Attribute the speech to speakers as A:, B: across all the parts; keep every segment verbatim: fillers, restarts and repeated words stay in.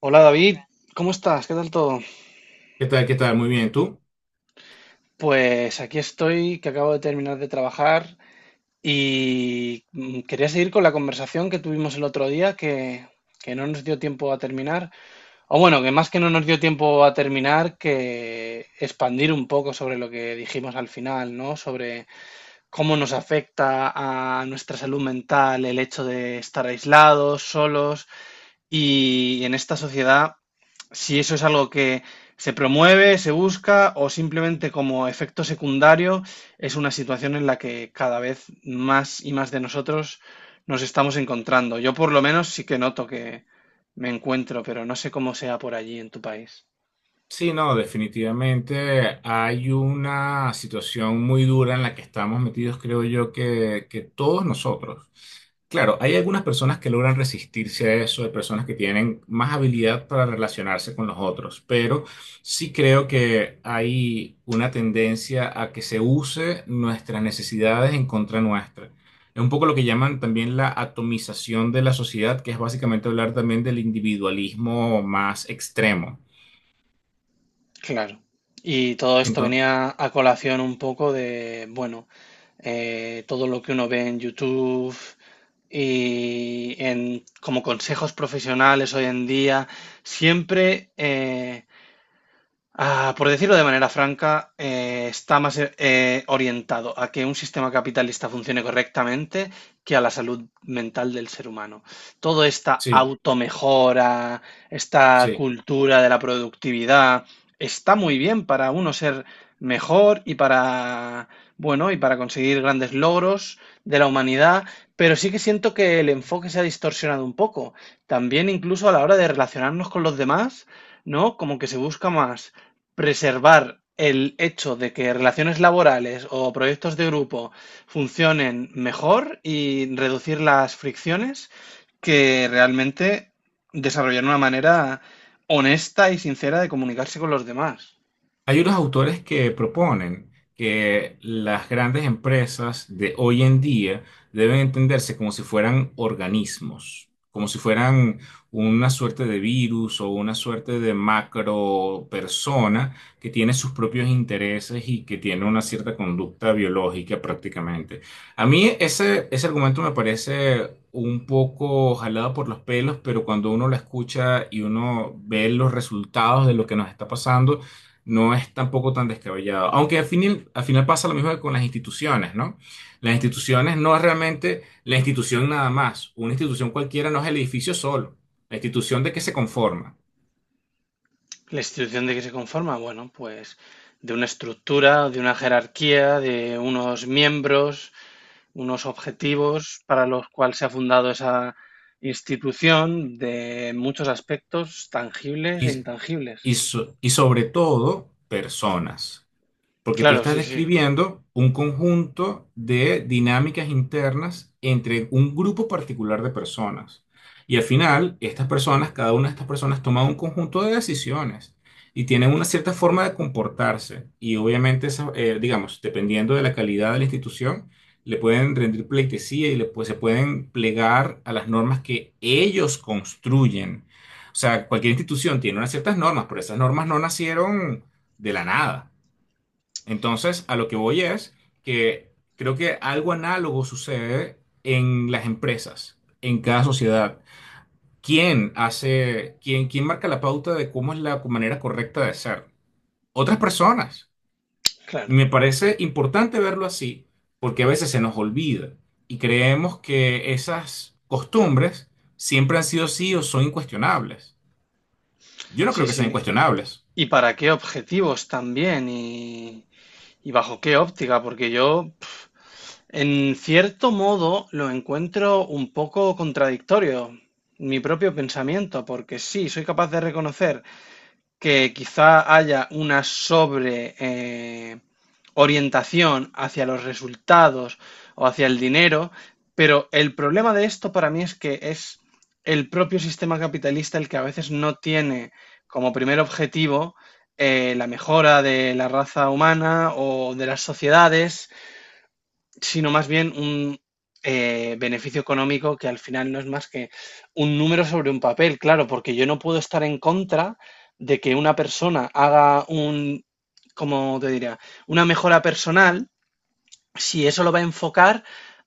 A: Hola David, ¿cómo estás? ¿Qué tal todo?
B: ¿Qué tal? ¿Qué tal? Muy bien, ¿tú?
A: Pues aquí estoy, que acabo de terminar de trabajar y mm, quería seguir con la conversación que tuvimos el otro día, que, que no nos dio tiempo a terminar. O bueno, que más que no nos dio tiempo a terminar, que expandir un poco sobre lo que dijimos al final, ¿no? Sobre cómo nos afecta a nuestra salud mental el hecho de estar aislados, solos y en esta sociedad, si eso es algo que se promueve, se busca o simplemente como efecto secundario, es una situación en la que cada vez más y más de nosotros nos estamos encontrando. Yo por lo menos sí que noto que me encuentro, pero no sé cómo sea por allí en tu país.
B: Sí, no, definitivamente hay una situación muy dura en la que estamos metidos, creo yo, que, que todos nosotros. Claro, hay algunas personas que logran resistirse a eso, hay personas que tienen más habilidad para relacionarse con los otros, pero sí creo que hay una tendencia a que se use nuestras necesidades en contra nuestra. Es un poco lo que llaman también la atomización de la sociedad, que es básicamente hablar también del individualismo más extremo.
A: Claro. Y todo esto
B: Entonces,
A: venía a colación un poco de, bueno, eh, todo lo que uno ve en YouTube y en como consejos profesionales hoy en día, siempre eh, Ah, por decirlo de manera franca, eh, está más eh, orientado a que un sistema capitalista funcione correctamente que a la salud mental del ser humano. Toda esta
B: sí,
A: automejora, esta
B: sí.
A: cultura de la productividad, está muy bien para uno ser mejor y para, bueno, y para conseguir grandes logros de la humanidad, pero sí que siento que el enfoque se ha distorsionado un poco. También incluso a la hora de relacionarnos con los demás, ¿no? Como que se busca más preservar el hecho de que relaciones laborales o proyectos de grupo funcionen mejor y reducir las fricciones que realmente desarrollar una manera honesta y sincera de comunicarse con los demás.
B: Hay unos autores que proponen que las grandes empresas de hoy en día deben entenderse como si fueran organismos, como si fueran una suerte de virus o una suerte de macro persona que tiene sus propios intereses y que tiene una cierta conducta biológica prácticamente. A mí ese, ese argumento me parece un poco jalado por los pelos, pero cuando uno lo escucha y uno ve los resultados de lo que nos está pasando, no es tampoco tan descabellado. Aunque al final, al final pasa lo mismo que con las instituciones, ¿no? Las instituciones no es realmente la institución nada más. Una institución cualquiera no es el edificio solo. La institución de qué se conforma.
A: La institución de que se conforma, bueno, pues de una estructura, de una jerarquía, de unos miembros, unos objetivos para los cuales se ha fundado esa institución de muchos aspectos tangibles e
B: Y,
A: intangibles.
B: y, so- y sobre todo, personas. Porque tú
A: Claro,
B: estás
A: sí, sí,
B: describiendo un conjunto de dinámicas internas entre un grupo particular de personas. Y al final, estas personas, cada una de estas personas toma un conjunto de decisiones y tienen una cierta forma de comportarse. Y obviamente, esa, eh, digamos, dependiendo de la calidad de la institución, le pueden rendir pleitesía y le, pues, se pueden plegar a las normas que ellos construyen. O sea, cualquier institución tiene unas ciertas normas, pero esas normas no nacieron de la nada. Entonces, a lo que voy es que creo que algo análogo sucede en las empresas, en cada sociedad. ¿Quién hace, quién, quién marca la pauta de cómo es la manera correcta de ser? Otras personas.
A: claro,
B: Me parece importante verlo así porque a veces se nos olvida y creemos que esas costumbres siempre han sido así o son incuestionables. Yo no
A: sí,
B: creo que sean
A: sí.
B: incuestionables.
A: ¿Y para qué objetivos también? ¿Y, y bajo qué óptica? Porque yo, pf, en cierto modo, lo encuentro un poco contradictorio, mi propio pensamiento, porque sí, soy capaz de reconocer que quizá haya una sobre eh, orientación hacia los resultados o hacia el dinero, pero el problema de esto para mí es que es el propio sistema capitalista el que a veces no tiene como primer objetivo eh, la mejora de la raza humana o de las sociedades, sino más bien un eh, beneficio económico que al final no es más que un número sobre un papel, claro, porque yo no puedo estar en contra de que una persona haga un, como te diría, una mejora personal si eso lo va a enfocar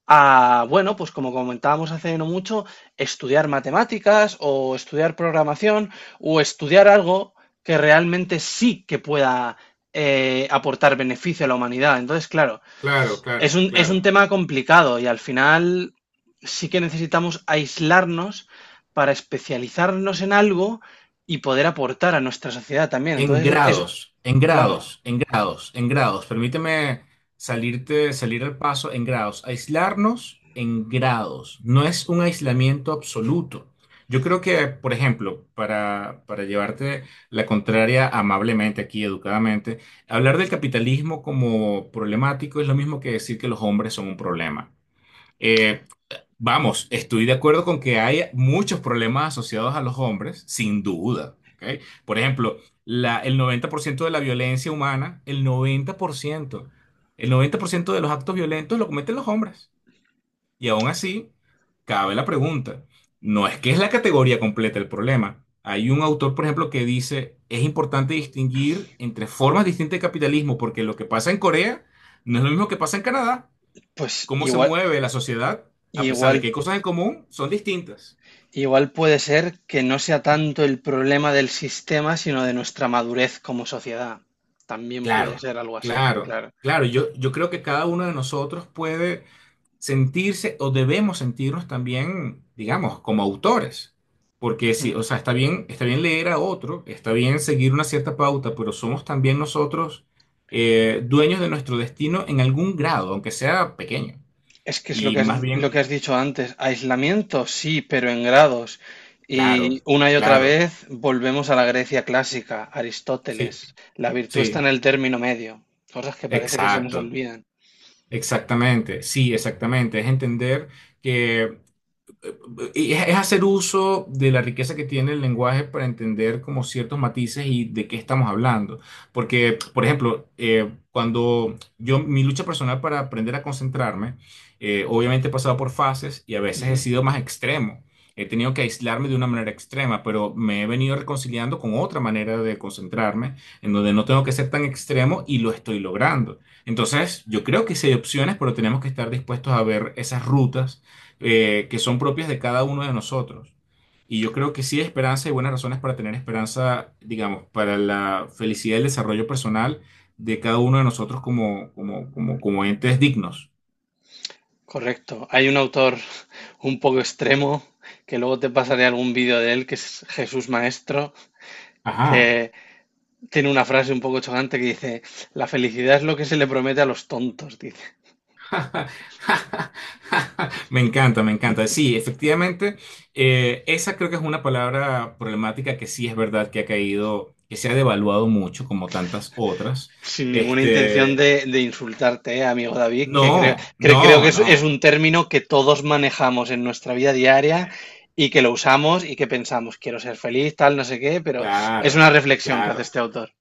A: a, bueno, pues como comentábamos hace no mucho, estudiar matemáticas o estudiar programación o estudiar algo que realmente sí que pueda eh, aportar beneficio a la humanidad. Entonces, claro,
B: Claro,
A: es
B: claro,
A: un, es un
B: claro.
A: tema complicado y al final sí que necesitamos aislarnos para especializarnos en algo y poder aportar a nuestra sociedad también.
B: En
A: Entonces, eso es
B: grados, en
A: claro,
B: grados, en grados, en grados. Permíteme salirte, salir al paso en grados. Aislarnos en grados. No es un aislamiento absoluto. Yo creo que, por ejemplo, para, para llevarte la contraria amablemente aquí, educadamente, hablar del capitalismo como problemático es lo mismo que decir que los hombres son un problema. Eh, Vamos, estoy de acuerdo con que hay muchos problemas asociados a los hombres, sin duda, ¿ok? Por ejemplo, la- el noventa por ciento de la violencia humana, el noventa por ciento, el noventa por ciento de los actos violentos lo cometen los hombres. Y aún así, cabe la pregunta, no es que es la categoría completa el problema. Hay un autor, por ejemplo, que dice, es importante distinguir entre formas distintas de capitalismo, porque lo que pasa en Corea no es lo mismo que pasa en Canadá
A: pues
B: cómo se
A: igual,
B: mueve la sociedad, a pesar de
A: igual,
B: que hay cosas en común, son distintas.
A: igual puede ser que no sea tanto el problema del sistema, sino de nuestra madurez como sociedad. También puede
B: Claro,
A: ser algo así,
B: claro,
A: claro.
B: claro. Yo, yo creo que cada uno de nosotros puede sentirse o debemos sentirnos también, digamos, como autores. Porque si, o sea, está bien, está bien leer a otro, está bien seguir una cierta pauta, pero somos también nosotros eh, dueños de nuestro destino en algún grado, aunque sea pequeño.
A: Es que es lo
B: Y
A: que has,
B: más
A: lo que
B: bien,
A: has dicho antes, aislamiento sí, pero en grados. Y
B: claro,
A: una y otra
B: claro,
A: vez volvemos a la Grecia clásica,
B: sí,
A: Aristóteles. La virtud está
B: sí,
A: en el término medio, cosas que parece que se nos
B: exacto.
A: olvidan.
B: Exactamente, sí, exactamente. Es entender que y Es es hacer uso de la riqueza que tiene el lenguaje para entender como ciertos matices y de qué estamos hablando. Porque, por ejemplo, eh, cuando yo, mi lucha personal para aprender a concentrarme, eh, obviamente he pasado por fases y a veces he
A: Ujú.
B: sido más extremo. He tenido que aislarme de una manera extrema, pero me he venido reconciliando con otra manera de concentrarme, en donde no tengo que ser tan extremo y lo estoy logrando. Entonces, yo creo que sí hay opciones, pero tenemos que estar dispuestos a ver esas rutas eh, que son propias de cada uno de nosotros. Y yo creo que sí hay esperanza y buenas razones para tener esperanza, digamos, para la felicidad y el desarrollo personal de cada uno de nosotros como, como, como, como entes dignos.
A: Correcto. Hay un autor un poco extremo, que luego te pasaré algún vídeo de él, que es Jesús Maestro,
B: Ajá.
A: que tiene una frase un poco chocante que dice, la felicidad es lo que se le promete a los tontos, dice.
B: Me encanta, me encanta. Sí, efectivamente, eh, esa creo que es una palabra problemática que sí es verdad que ha caído, que se ha devaluado mucho, como tantas otras.
A: Sin ninguna intención
B: Este,
A: de, de insultarte, eh, amigo David, que creo,
B: no,
A: cre- creo
B: no,
A: que es, es
B: no.
A: un término que todos manejamos en nuestra vida diaria y que lo usamos y que pensamos, quiero ser feliz, tal, no sé qué, pero es una
B: Claro,
A: reflexión que hace
B: claro.
A: este autor.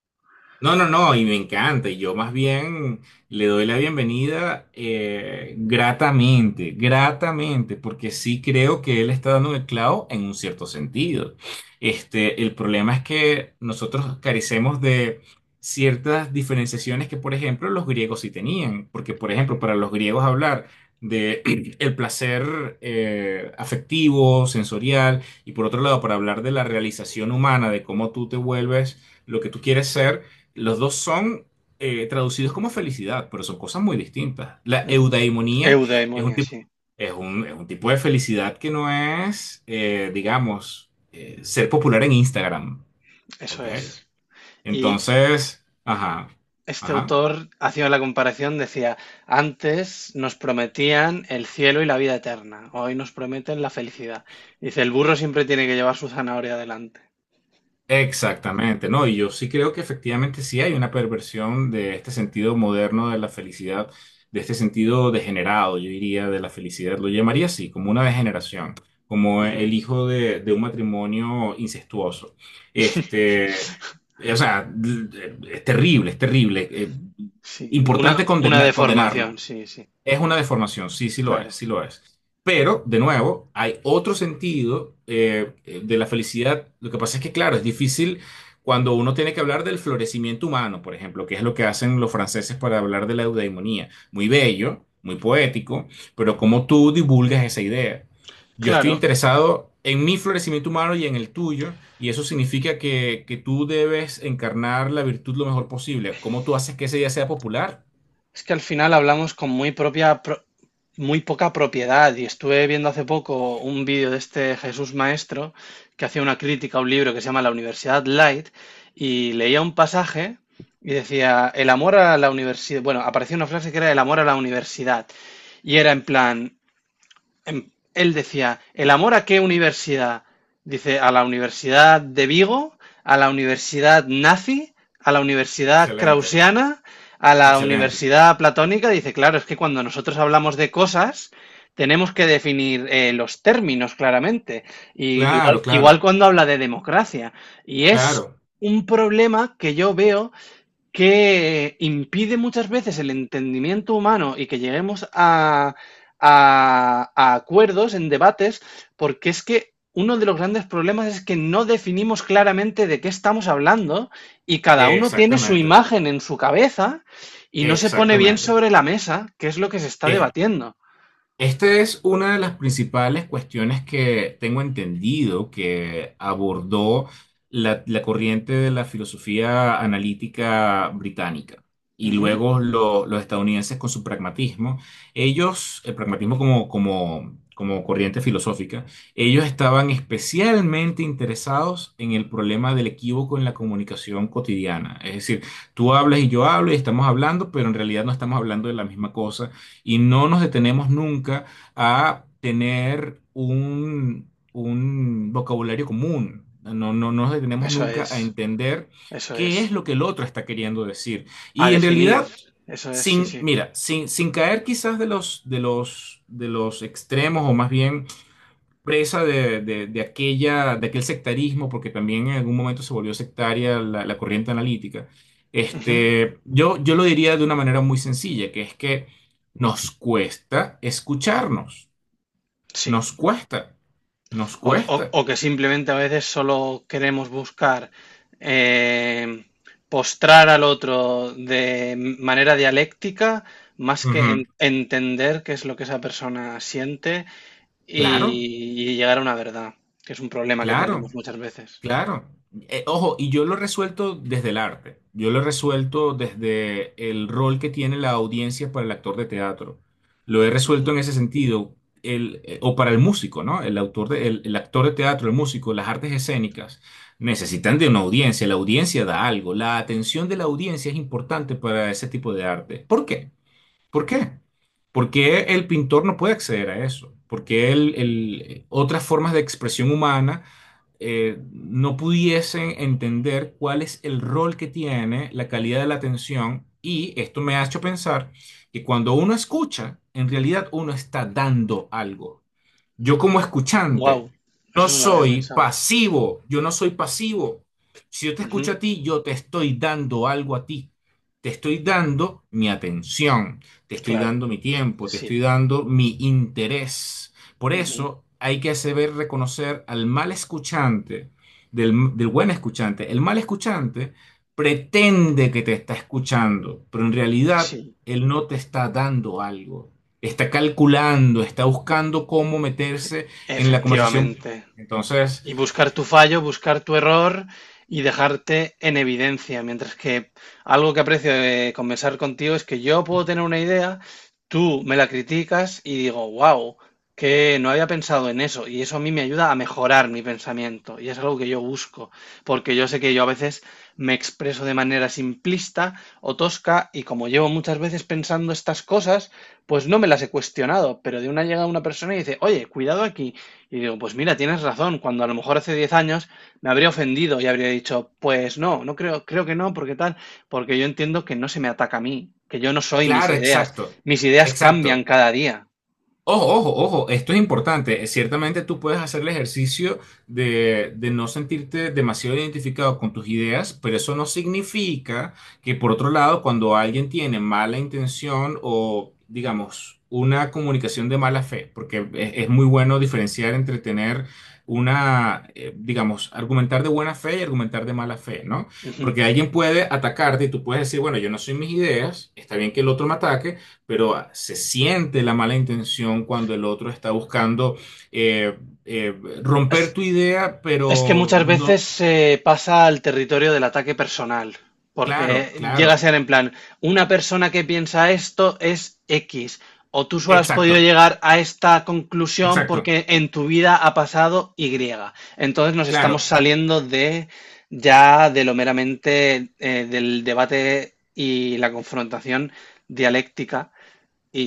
B: No, no, no, y me encanta. Y yo más bien le doy la bienvenida eh, gratamente, gratamente, porque sí creo que él está dando el clavo en un cierto sentido. Este, el problema es que nosotros carecemos de ciertas diferenciaciones que, por ejemplo, los griegos sí tenían. Porque, por ejemplo, para los griegos hablar de el placer eh, afectivo, sensorial, y por otro lado, para hablar de la realización humana, de cómo tú te vuelves lo que tú quieres ser los dos son eh, traducidos como felicidad, pero son cosas muy distintas. La
A: Ujú.
B: eudaimonía es un
A: Eudaimonia,
B: tipo,
A: sí,
B: es un, es un tipo de felicidad que no es, eh, digamos, eh, ser popular en Instagram.
A: eso
B: ¿Ok?
A: es. Y
B: Entonces, ajá,
A: este
B: ajá.
A: autor, haciendo la comparación, decía, antes nos prometían el cielo y la vida eterna, hoy nos prometen la felicidad. Dice, el burro siempre tiene que llevar su zanahoria adelante.
B: Exactamente, ¿no? Y yo sí creo que efectivamente sí hay una perversión de este sentido moderno de la felicidad, de este sentido degenerado, yo diría, de la felicidad. Lo llamaría así, como una degeneración, como
A: Ujú.
B: el hijo de, de un matrimonio incestuoso. Este, o sea, es terrible, es terrible. Eh,
A: Sí, una,
B: importante
A: una
B: condena- condenarlo.
A: deformación, sí, sí,
B: Es una deformación, sí, sí lo es,
A: claro.
B: sí lo es. Pero, de nuevo, hay otro sentido eh, eh, de la felicidad. Lo que pasa es que, claro, es difícil cuando uno tiene que hablar del florecimiento humano, por ejemplo, que es lo que hacen los franceses para hablar de la eudaimonía. Muy bello, muy poético, pero ¿cómo tú divulgas esa idea? Yo estoy
A: Claro,
B: interesado en mi florecimiento humano y en el tuyo, y eso significa que, que tú debes encarnar la virtud lo mejor posible. ¿Cómo tú haces que esa idea sea popular?
A: es que al final hablamos con muy propia, pro- muy poca propiedad y estuve viendo hace poco un vídeo de este Jesús Maestro que hacía una crítica a un libro que se llama La Universidad Light y leía un pasaje y decía, el amor a la universidad, bueno, aparecía una frase que era el amor a la universidad y era en plan, em, él decía, ¿el amor a qué universidad? Dice, a la Universidad de Vigo, a la Universidad nazi, a la Universidad
B: Excelente,
A: krausiana, a la
B: excelente.
A: Universidad platónica. Dice, claro, es que cuando nosotros hablamos de cosas, tenemos que definir eh, los términos claramente. Y igual,
B: Claro, claro,
A: igual cuando habla de democracia. Y es
B: claro.
A: un problema que yo veo que impide muchas veces el entendimiento humano y que lleguemos a, a- a acuerdos en debates, porque es que uno de los grandes problemas es que no definimos claramente de qué estamos hablando y cada uno tiene su
B: Exactamente,
A: imagen en su cabeza y no se pone bien
B: exactamente.
A: sobre la mesa qué es lo que se está
B: Es
A: debatiendo.
B: Esta es una de las principales cuestiones que tengo entendido que abordó la, la corriente de la filosofía analítica británica y
A: Ujú.
B: luego lo- los estadounidenses con su pragmatismo. Ellos, el pragmatismo como, como, como corriente filosófica, ellos estaban especialmente interesados en el problema del equívoco en la comunicación cotidiana. Es decir, tú hablas y yo hablo y estamos hablando, pero en realidad no estamos hablando de la misma cosa y no nos detenemos nunca a tener un, un vocabulario común. No, no, no nos detenemos
A: Eso
B: nunca a
A: es,
B: entender
A: eso
B: qué
A: es.
B: es lo que el otro está queriendo decir.
A: A
B: Y en
A: definir,
B: realidad,
A: eso es, sí,
B: sin,
A: sí.
B: mira, sin, sin caer quizás de los, de los, de los extremos o más bien presa de, de- de aquella, de aquel sectarismo, porque también en algún momento se volvió sectaria la, la corriente analítica.
A: Ujú.
B: Este, yo, yo lo diría de una manera muy sencilla, que es que nos cuesta escucharnos,
A: Sí.
B: nos cuesta, nos
A: O, o-
B: cuesta.
A: o que simplemente a veces solo queremos buscar eh, postrar al otro de manera dialéctica más que en-
B: Ujú.
A: entender qué es lo que esa persona siente y,
B: Claro,
A: y llegar a una verdad, que es un problema que tenemos
B: claro.
A: muchas veces.
B: Claro. Eh, ojo, y yo lo he resuelto desde el arte. Yo lo he resuelto desde el rol que tiene la audiencia para el actor de teatro. Lo he resuelto en
A: Ujú.
B: ese sentido. El, eh, o para el músico, ¿no? El autor de- el, el actor de teatro, el músico, las artes escénicas necesitan de una audiencia. La audiencia da algo. La atención de la audiencia es importante para ese tipo de arte. ¿Por qué? ¿Por qué? Porque el pintor no puede acceder a eso. Porque el- el- eh, otras formas de expresión humana eh, no pudiesen entender cuál es el rol que tiene la calidad de la atención y esto me ha hecho pensar que cuando uno escucha, en realidad uno está dando algo. Yo como escuchante
A: Wow,
B: no
A: eso no lo había
B: soy
A: pensado.
B: pasivo, yo no soy pasivo. Si yo te
A: Ujú,
B: escucho a ti, yo te estoy dando algo a ti. Te estoy dando mi atención, te estoy
A: claro,
B: dando mi tiempo, te
A: sí,
B: estoy dando mi interés. Por
A: ujú,
B: eso hay que saber reconocer al mal escuchante del, del buen escuchante. El mal escuchante pretende que te está escuchando, pero en realidad
A: sí,
B: él no te está dando algo está calculando, está buscando cómo meterse en la conversación.
A: efectivamente.
B: Entonces,
A: Y buscar tu fallo, buscar tu error y dejarte en evidencia. Mientras que algo que aprecio de conversar contigo es que yo puedo tener una idea, tú me la criticas y digo, wow, que no había pensado en eso. Y eso a mí me ayuda a mejorar mi pensamiento. Y es algo que yo busco, porque yo sé que yo a veces me expreso de manera simplista o tosca y como llevo muchas veces pensando estas cosas, pues no me las he cuestionado. Pero de una llega una persona y dice, oye, cuidado aquí. Y digo, pues mira, tienes razón, cuando a lo mejor hace diez años me habría ofendido y habría dicho, pues no, no creo, creo que no, porque tal, porque yo entiendo que no se me ataca a mí, que yo no soy mis
B: claro,
A: ideas,
B: exacto,
A: mis ideas
B: exacto.
A: cambian cada día.
B: Ojo, ojo, ojo, esto es importante. Eh, Ciertamente tú puedes hacer el ejercicio de, de no sentirte demasiado identificado con tus ideas, pero eso no significa que por otro lado, cuando alguien tiene mala intención o, digamos, una comunicación de mala fe, porque es, es muy bueno diferenciar entre tener una, eh, digamos, argumentar de buena fe y argumentar de mala fe, ¿no?
A: Ujú.
B: Porque alguien puede atacarte y tú puedes decir, bueno, yo no soy mis ideas, está bien que el otro me ataque pero ah, se siente la mala intención cuando el otro está buscando eh, eh, romper tu idea,
A: Es que
B: pero
A: muchas
B: no,
A: veces se pasa al territorio del ataque personal, porque
B: claro,
A: llega a
B: claro,
A: ser en plan, una persona que piensa esto es equis, o tú solo has podido
B: exacto,
A: llegar a esta conclusión
B: exacto,
A: porque en tu vida ha pasado ye. Entonces nos estamos
B: claro.
A: saliendo de ya de lo meramente eh, del debate y la confrontación dialéctica.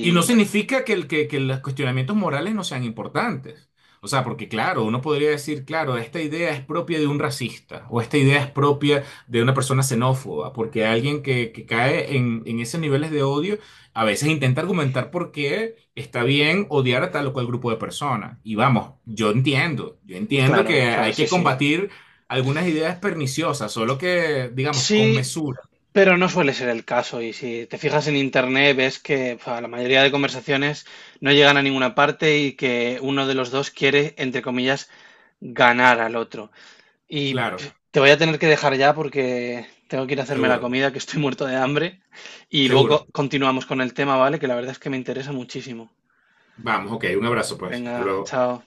B: Y no
A: bueno,
B: significa que, el, que, que los cuestionamientos morales no sean importantes. O sea, porque claro, uno podría decir, claro, esta idea es propia de un racista o esta idea es propia de una persona xenófoba, porque alguien que, que cae en, en esos niveles de odio a veces intenta argumentar por qué está bien odiar a tal o cual grupo de personas. Y vamos, yo entiendo, yo entiendo que
A: claro, claro,
B: hay
A: sí,
B: que
A: sí.
B: combatir algunas ideas perniciosas, solo que, digamos, con
A: Sí,
B: mesura.
A: pero no suele ser el caso y si te fijas en internet ves que fa, la mayoría de conversaciones no llegan a ninguna parte y que uno de los dos quiere, entre comillas, ganar al otro. Y pf,
B: Claro,
A: te voy a tener que dejar ya porque tengo que ir a hacerme la
B: seguro,
A: comida, que estoy muerto de hambre, y luego
B: seguro.
A: continuamos con el tema, ¿vale? Que la verdad es que me interesa muchísimo.
B: Vamos, ok, un abrazo pues, hasta
A: Venga,
B: luego.
A: chao.